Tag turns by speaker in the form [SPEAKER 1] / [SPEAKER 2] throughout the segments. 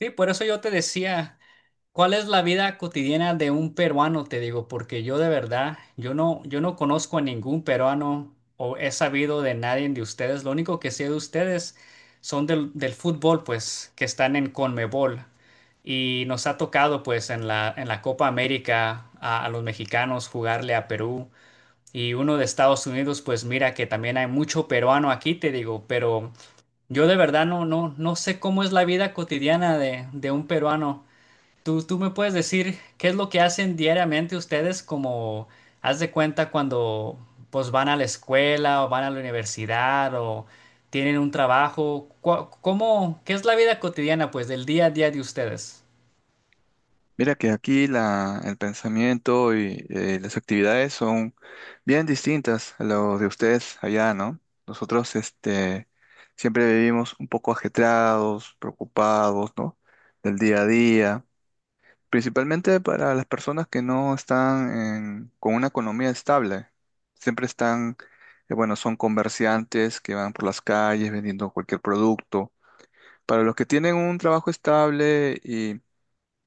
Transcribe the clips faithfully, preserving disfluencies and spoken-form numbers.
[SPEAKER 1] Sí, por eso yo te decía, ¿cuál es la vida cotidiana de un peruano? Te digo, porque yo de verdad, yo no, yo no conozco a ningún peruano o he sabido de nadie de ustedes. Lo único que sé de ustedes son del, del fútbol, pues, que están en Conmebol. Y nos ha tocado, pues, en la, en la Copa América a, a los mexicanos jugarle a Perú. Y uno de Estados Unidos, pues mira que también hay mucho peruano aquí, te digo, pero yo de verdad no, no, no sé cómo es la vida cotidiana de, de un peruano. ¿Tú, tú me puedes decir qué es lo que hacen diariamente ustedes como, haz de cuenta cuando pues van a la escuela o van a la universidad o tienen un trabajo? Cua- ¿Cómo, qué es la vida cotidiana pues del día a día de ustedes?
[SPEAKER 2] Mira que aquí la, el pensamiento y eh, las actividades son bien distintas a lo de ustedes allá, ¿no? Nosotros este, siempre vivimos un poco ajetreados, preocupados, ¿no? Del día a día, principalmente para las personas que no están en- con una economía estable. Siempre están, eh, bueno, son comerciantes que van por las calles vendiendo cualquier producto. Para los que tienen un trabajo estable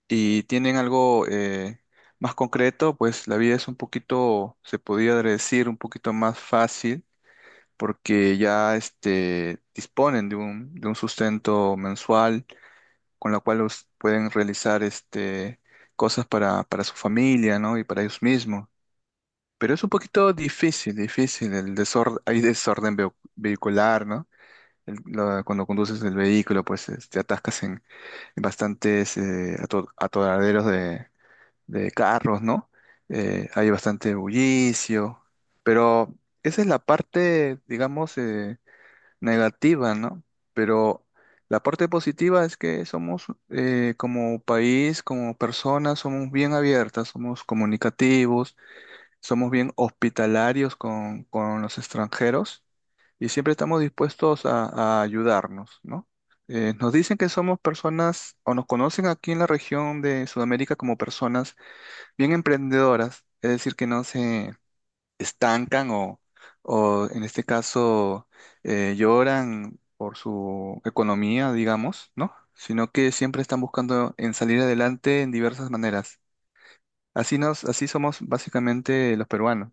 [SPEAKER 2] y tienen algo eh, más concreto, pues la vida es un poquito, se podría decir, un poquito más fácil porque ya este, disponen de un, de un sustento mensual con la cual los pueden realizar este, cosas para, para su familia, ¿no? Y para ellos mismos. Pero es un poquito difícil, difícil, el desorden, hay desorden veu- vehicular, ¿no? El- la- cuando conduces el vehículo, pues eh, te atascas en, en bastantes eh, ato- atoraderos de carros, ¿no? Eh, hay bastante bullicio, pero esa es la parte, digamos, eh, negativa, ¿no? Pero la parte positiva es que somos eh, como país, como personas, somos bien abiertas, somos comunicativos, somos bien hospitalarios con, con los extranjeros y siempre estamos dispuestos a, a ayudarnos, ¿no? Eh, nos dicen que somos personas, o nos conocen aquí en la región de Sudamérica como personas bien emprendedoras, es decir, que no se estancan o, o en este caso eh, lloran por su economía, digamos, ¿no? Sino que siempre están buscando en salir adelante en diversas maneras. Así nos, así somos básicamente los peruanos.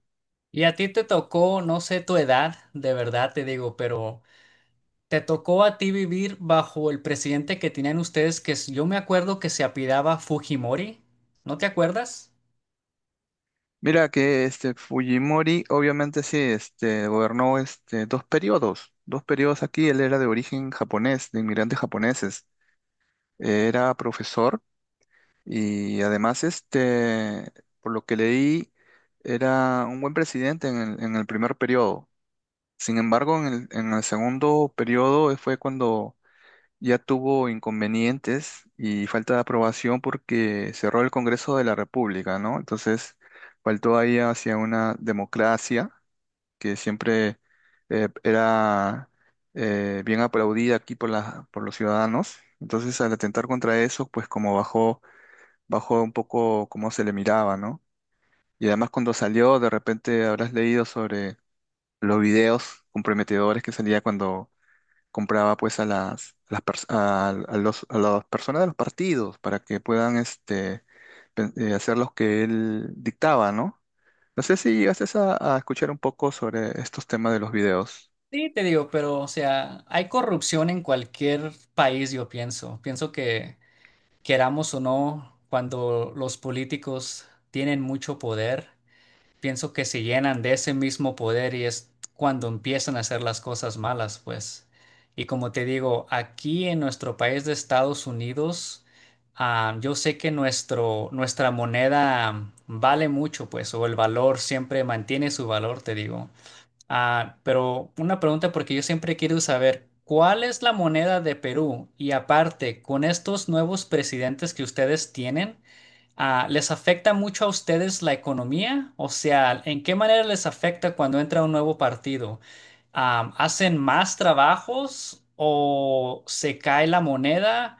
[SPEAKER 1] Y a ti te tocó, no sé tu edad, de verdad te digo, pero te tocó a ti vivir bajo el presidente que tenían ustedes, que es- yo me acuerdo que se apellidaba Fujimori. ¿No te acuerdas?
[SPEAKER 2] Mira que este Fujimori obviamente sí, este, gobernó este, dos periodos, dos periodos aquí. Él era de origen japonés, de inmigrantes japoneses, era profesor. Y además, este, por lo que leí, era un buen presidente en el, en el primer periodo. Sin embargo, en el, en el segundo periodo eh, fue cuando ya tuvo inconvenientes y falta de aprobación porque cerró el Congreso de la República, ¿no? Entonces, faltó ahí hacia una democracia que siempre eh, era eh, bien aplaudida aquí por la, por los ciudadanos. Entonces, al atentar contra eso, pues como bajó bajó un poco cómo se le miraba, ¿no? Y además cuando salió, de repente habrás leído sobre los videos comprometedores que salía cuando compraba pues a las, a las, pers- a- a los- a las personas de los partidos para que puedan este, pen- eh, hacer los que él dictaba, ¿no? No sé si llegaste a, a escuchar un poco sobre estos temas de los videos.
[SPEAKER 1] Sí, te digo, pero o sea, hay corrupción en cualquier país, yo pienso. Pienso que queramos o no, cuando los políticos tienen mucho poder, pienso que se llenan de ese mismo poder y es cuando empiezan a hacer las cosas malas, pues. Y como te digo, aquí en nuestro país de Estados Unidos, ah, yo sé que nuestro, nuestra moneda vale mucho, pues, o el valor siempre mantiene su valor, te digo. Ah, pero una pregunta porque yo siempre he querido saber, ¿cuál es la moneda de Perú? Y aparte, con estos nuevos presidentes que ustedes tienen, ah, ¿les afecta mucho a ustedes la economía? O sea, ¿en qué manera les afecta cuando entra un nuevo partido? Am, ¿hacen más trabajos o se cae la moneda?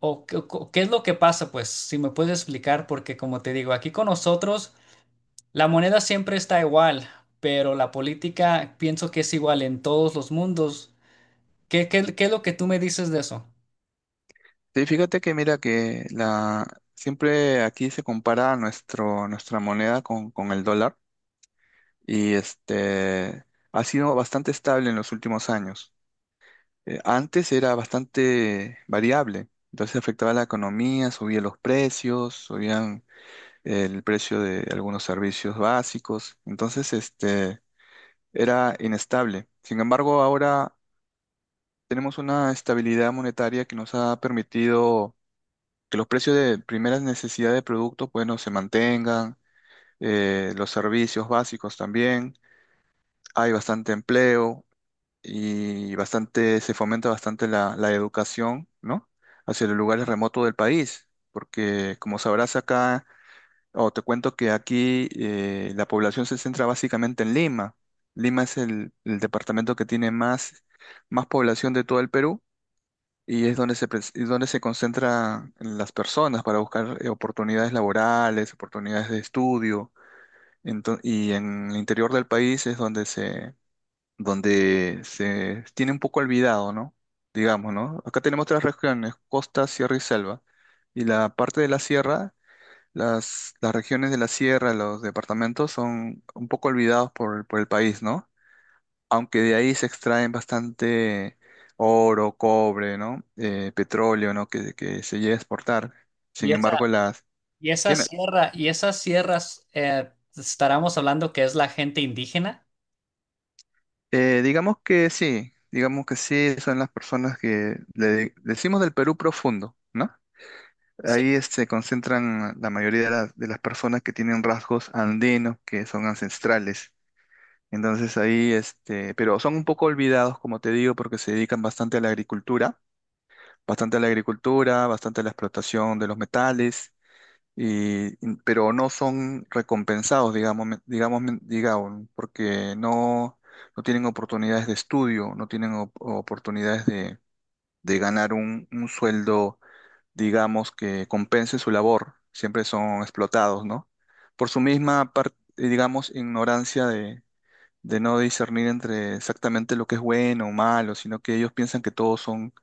[SPEAKER 1] ¿O qué, qué es lo que pasa? Pues si me puedes explicar, porque como te digo, aquí con nosotros… La moneda siempre está igual, pero la política pienso que es igual en todos los mundos. ¿Qué, qué- qué es lo que tú me dices de eso?
[SPEAKER 2] Sí, fíjate que mira que la, siempre aquí se compara nuestro, nuestra moneda con, con el dólar. y este Ha sido bastante estable en los últimos años. Eh, antes era bastante variable, entonces afectaba la economía, subían los precios, subían el precio de algunos servicios básicos, entonces este era inestable. Sin embargo, ahora tenemos una estabilidad monetaria que nos ha permitido que los precios de primeras necesidades de productos, bueno, se mantengan, eh, los servicios básicos también, hay bastante empleo, y bastante, se fomenta bastante la, la educación, ¿no? Hacia los lugares remotos del país, porque como sabrás acá, o te cuento que aquí eh, la población se centra básicamente en Lima. Lima es el, el departamento que tiene más, más población de todo el Perú y es donde se, pres- es donde se concentran las personas para buscar eh, oportunidades laborales, oportunidades de estudio. Ento- y en el interior del país es donde se donde se tiene un poco olvidado, ¿no? Digamos, ¿no? Acá tenemos tres regiones, costa, sierra y selva. Y la parte de la sierra, las, las regiones de la sierra, los departamentos son un poco olvidados por, por el país, ¿no? Aunque de ahí se extraen bastante oro, cobre, ¿no? Eh, petróleo, ¿no? Que, que se llega a exportar.
[SPEAKER 1] Y
[SPEAKER 2] Sin
[SPEAKER 1] esa,
[SPEAKER 2] embargo, las...
[SPEAKER 1] y esa
[SPEAKER 2] Dime,
[SPEAKER 1] sierra, y esas sierras, eh, estaremos hablando que es la gente indígena.
[SPEAKER 2] eh, digamos que sí, digamos que sí, son las personas que le de- decimos del Perú profundo, ¿no?
[SPEAKER 1] Sí.
[SPEAKER 2] Ahí eh, se concentran la mayoría de, las de las personas que tienen rasgos andinos, que son ancestrales. Entonces ahí, este, pero son un poco olvidados, como te digo, porque se dedican bastante a la agricultura, bastante a la agricultura, bastante a la explotación de los metales, y, y- pero no son recompensados, digamos, me- digamos, me- digamos, porque no, no tienen oportunidades de estudio, no tienen op- oportunidades de, de ganar un, un sueldo digamos, que compense su labor. Siempre son explotados, ¿no? Por su misma, par- eh, digamos, ignorancia de, de no discernir entre exactamente lo que es bueno o malo, sino que ellos piensan que todos son,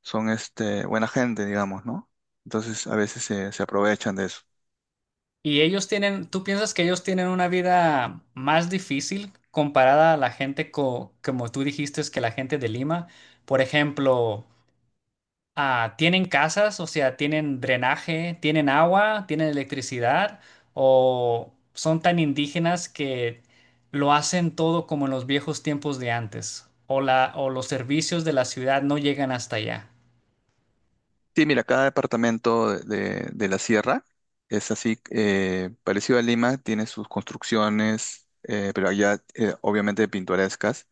[SPEAKER 2] son este, buena gente, digamos, ¿no? Entonces a veces se, se aprovechan de eso.
[SPEAKER 1] Y ellos tienen, ¿tú piensas que ellos tienen una vida más difícil comparada a la gente co- como tú dijiste, es que la gente de Lima? Por ejemplo, ah, ¿tienen casas? O sea, ¿tienen drenaje? ¿Tienen agua? ¿Tienen electricidad? ¿O son tan indígenas que lo hacen todo como en los viejos tiempos de antes? ¿O la, o los servicios de la ciudad no llegan hasta allá?
[SPEAKER 2] Sí, mira, cada departamento de, de- de la sierra es así, eh, parecido a Lima, tiene sus construcciones, eh, pero allá eh, obviamente pintorescas.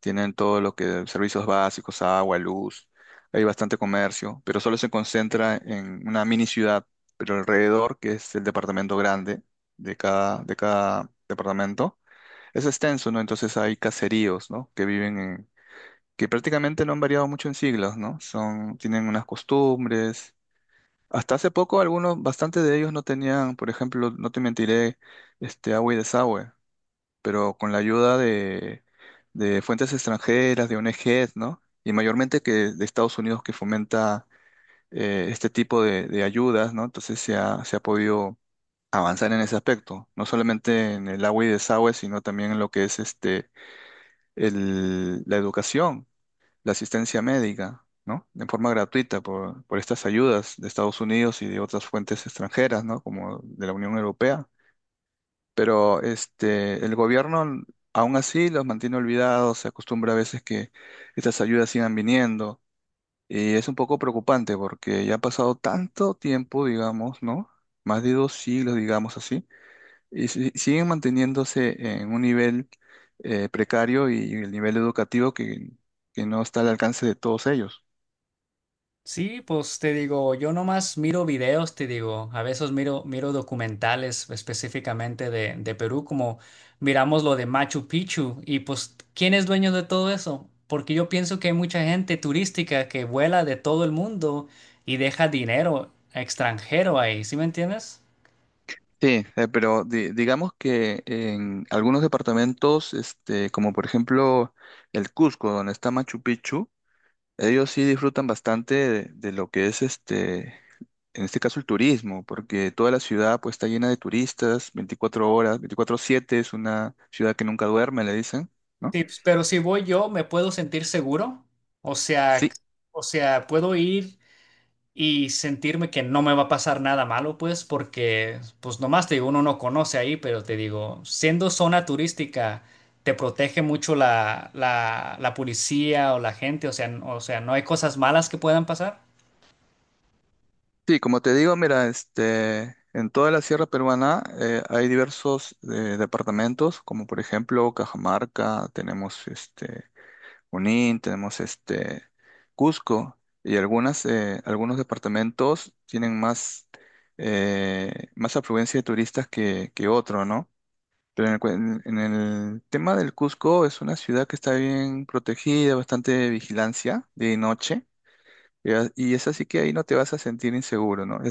[SPEAKER 2] Tienen todo lo que servicios básicos, agua, luz. Hay bastante comercio, pero solo se concentra en una mini ciudad, pero alrededor, que es el departamento grande de cada, de cada departamento, es extenso, ¿no? Entonces hay caseríos, ¿no? Que viven en, que prácticamente no han variado mucho en siglos, ¿no? Son, tienen unas costumbres. Hasta hace poco algunos, bastante de ellos no tenían, por ejemplo, no te mentiré, este agua y desagüe, pero con la ayuda de, de fuentes extranjeras, de O N G s, ¿no? Y mayormente que de Estados Unidos que fomenta eh, este tipo de, de ayudas, ¿no? Entonces se ha, se ha podido avanzar en ese aspecto, no solamente en el agua y desagüe, sino también en lo que es este, el- la educación, la asistencia médica, ¿no? De forma gratuita por, por estas ayudas de Estados Unidos y de otras fuentes extranjeras, ¿no? Como de la Unión Europea. Pero este, el gobierno aún así los mantiene olvidados, se acostumbra a veces que estas ayudas sigan viniendo y es un poco preocupante porque ya ha pasado tanto tiempo, digamos, ¿no? Más de dos siglos, digamos así, y si- siguen manteniéndose en un nivel eh, precario y el nivel educativo que, que no está al alcance de todos ellos.
[SPEAKER 1] Sí, pues te digo, yo nomás miro videos, te digo, a veces miro, miro documentales específicamente de, de Perú, como miramos lo de Machu Picchu, y pues, ¿quién es dueño de todo eso? Porque yo pienso que hay mucha gente turística que vuela de todo el mundo y deja dinero extranjero ahí, ¿sí me entiendes?
[SPEAKER 2] Sí, eh, pero di- digamos que en algunos departamentos, este, como por ejemplo el Cusco, donde está Machu Picchu, ellos sí disfrutan bastante de, de lo que es este, en este caso el turismo, porque toda la ciudad pues está llena de turistas, veinticuatro horas, veinticuatro siete, es una ciudad que nunca duerme, le dicen, ¿no?
[SPEAKER 1] Sí, pues, pero si voy yo, ¿me puedo sentir seguro? O sea,
[SPEAKER 2] Sí,
[SPEAKER 1] o sea, puedo ir y sentirme que no me va a pasar nada malo, pues, porque, pues, nomás te digo, uno no conoce ahí, pero te digo, siendo zona turística, te protege mucho la, la, la policía o la gente, o sea, n- o sea, no hay cosas malas que puedan pasar.
[SPEAKER 2] sí, como te digo, mira, este, en toda la sierra peruana eh, hay diversos eh, departamentos, como por ejemplo Cajamarca, tenemos este. Junín, tenemos este Cusco y algunas, eh, algunos departamentos tienen más, eh, más afluencia de turistas que, que otro, ¿no? Pero en el, cuen- en el tema del Cusco es una ciudad que está bien protegida, bastante vigilancia de noche, y a- y es así que ahí no te vas a sentir inseguro, ¿no?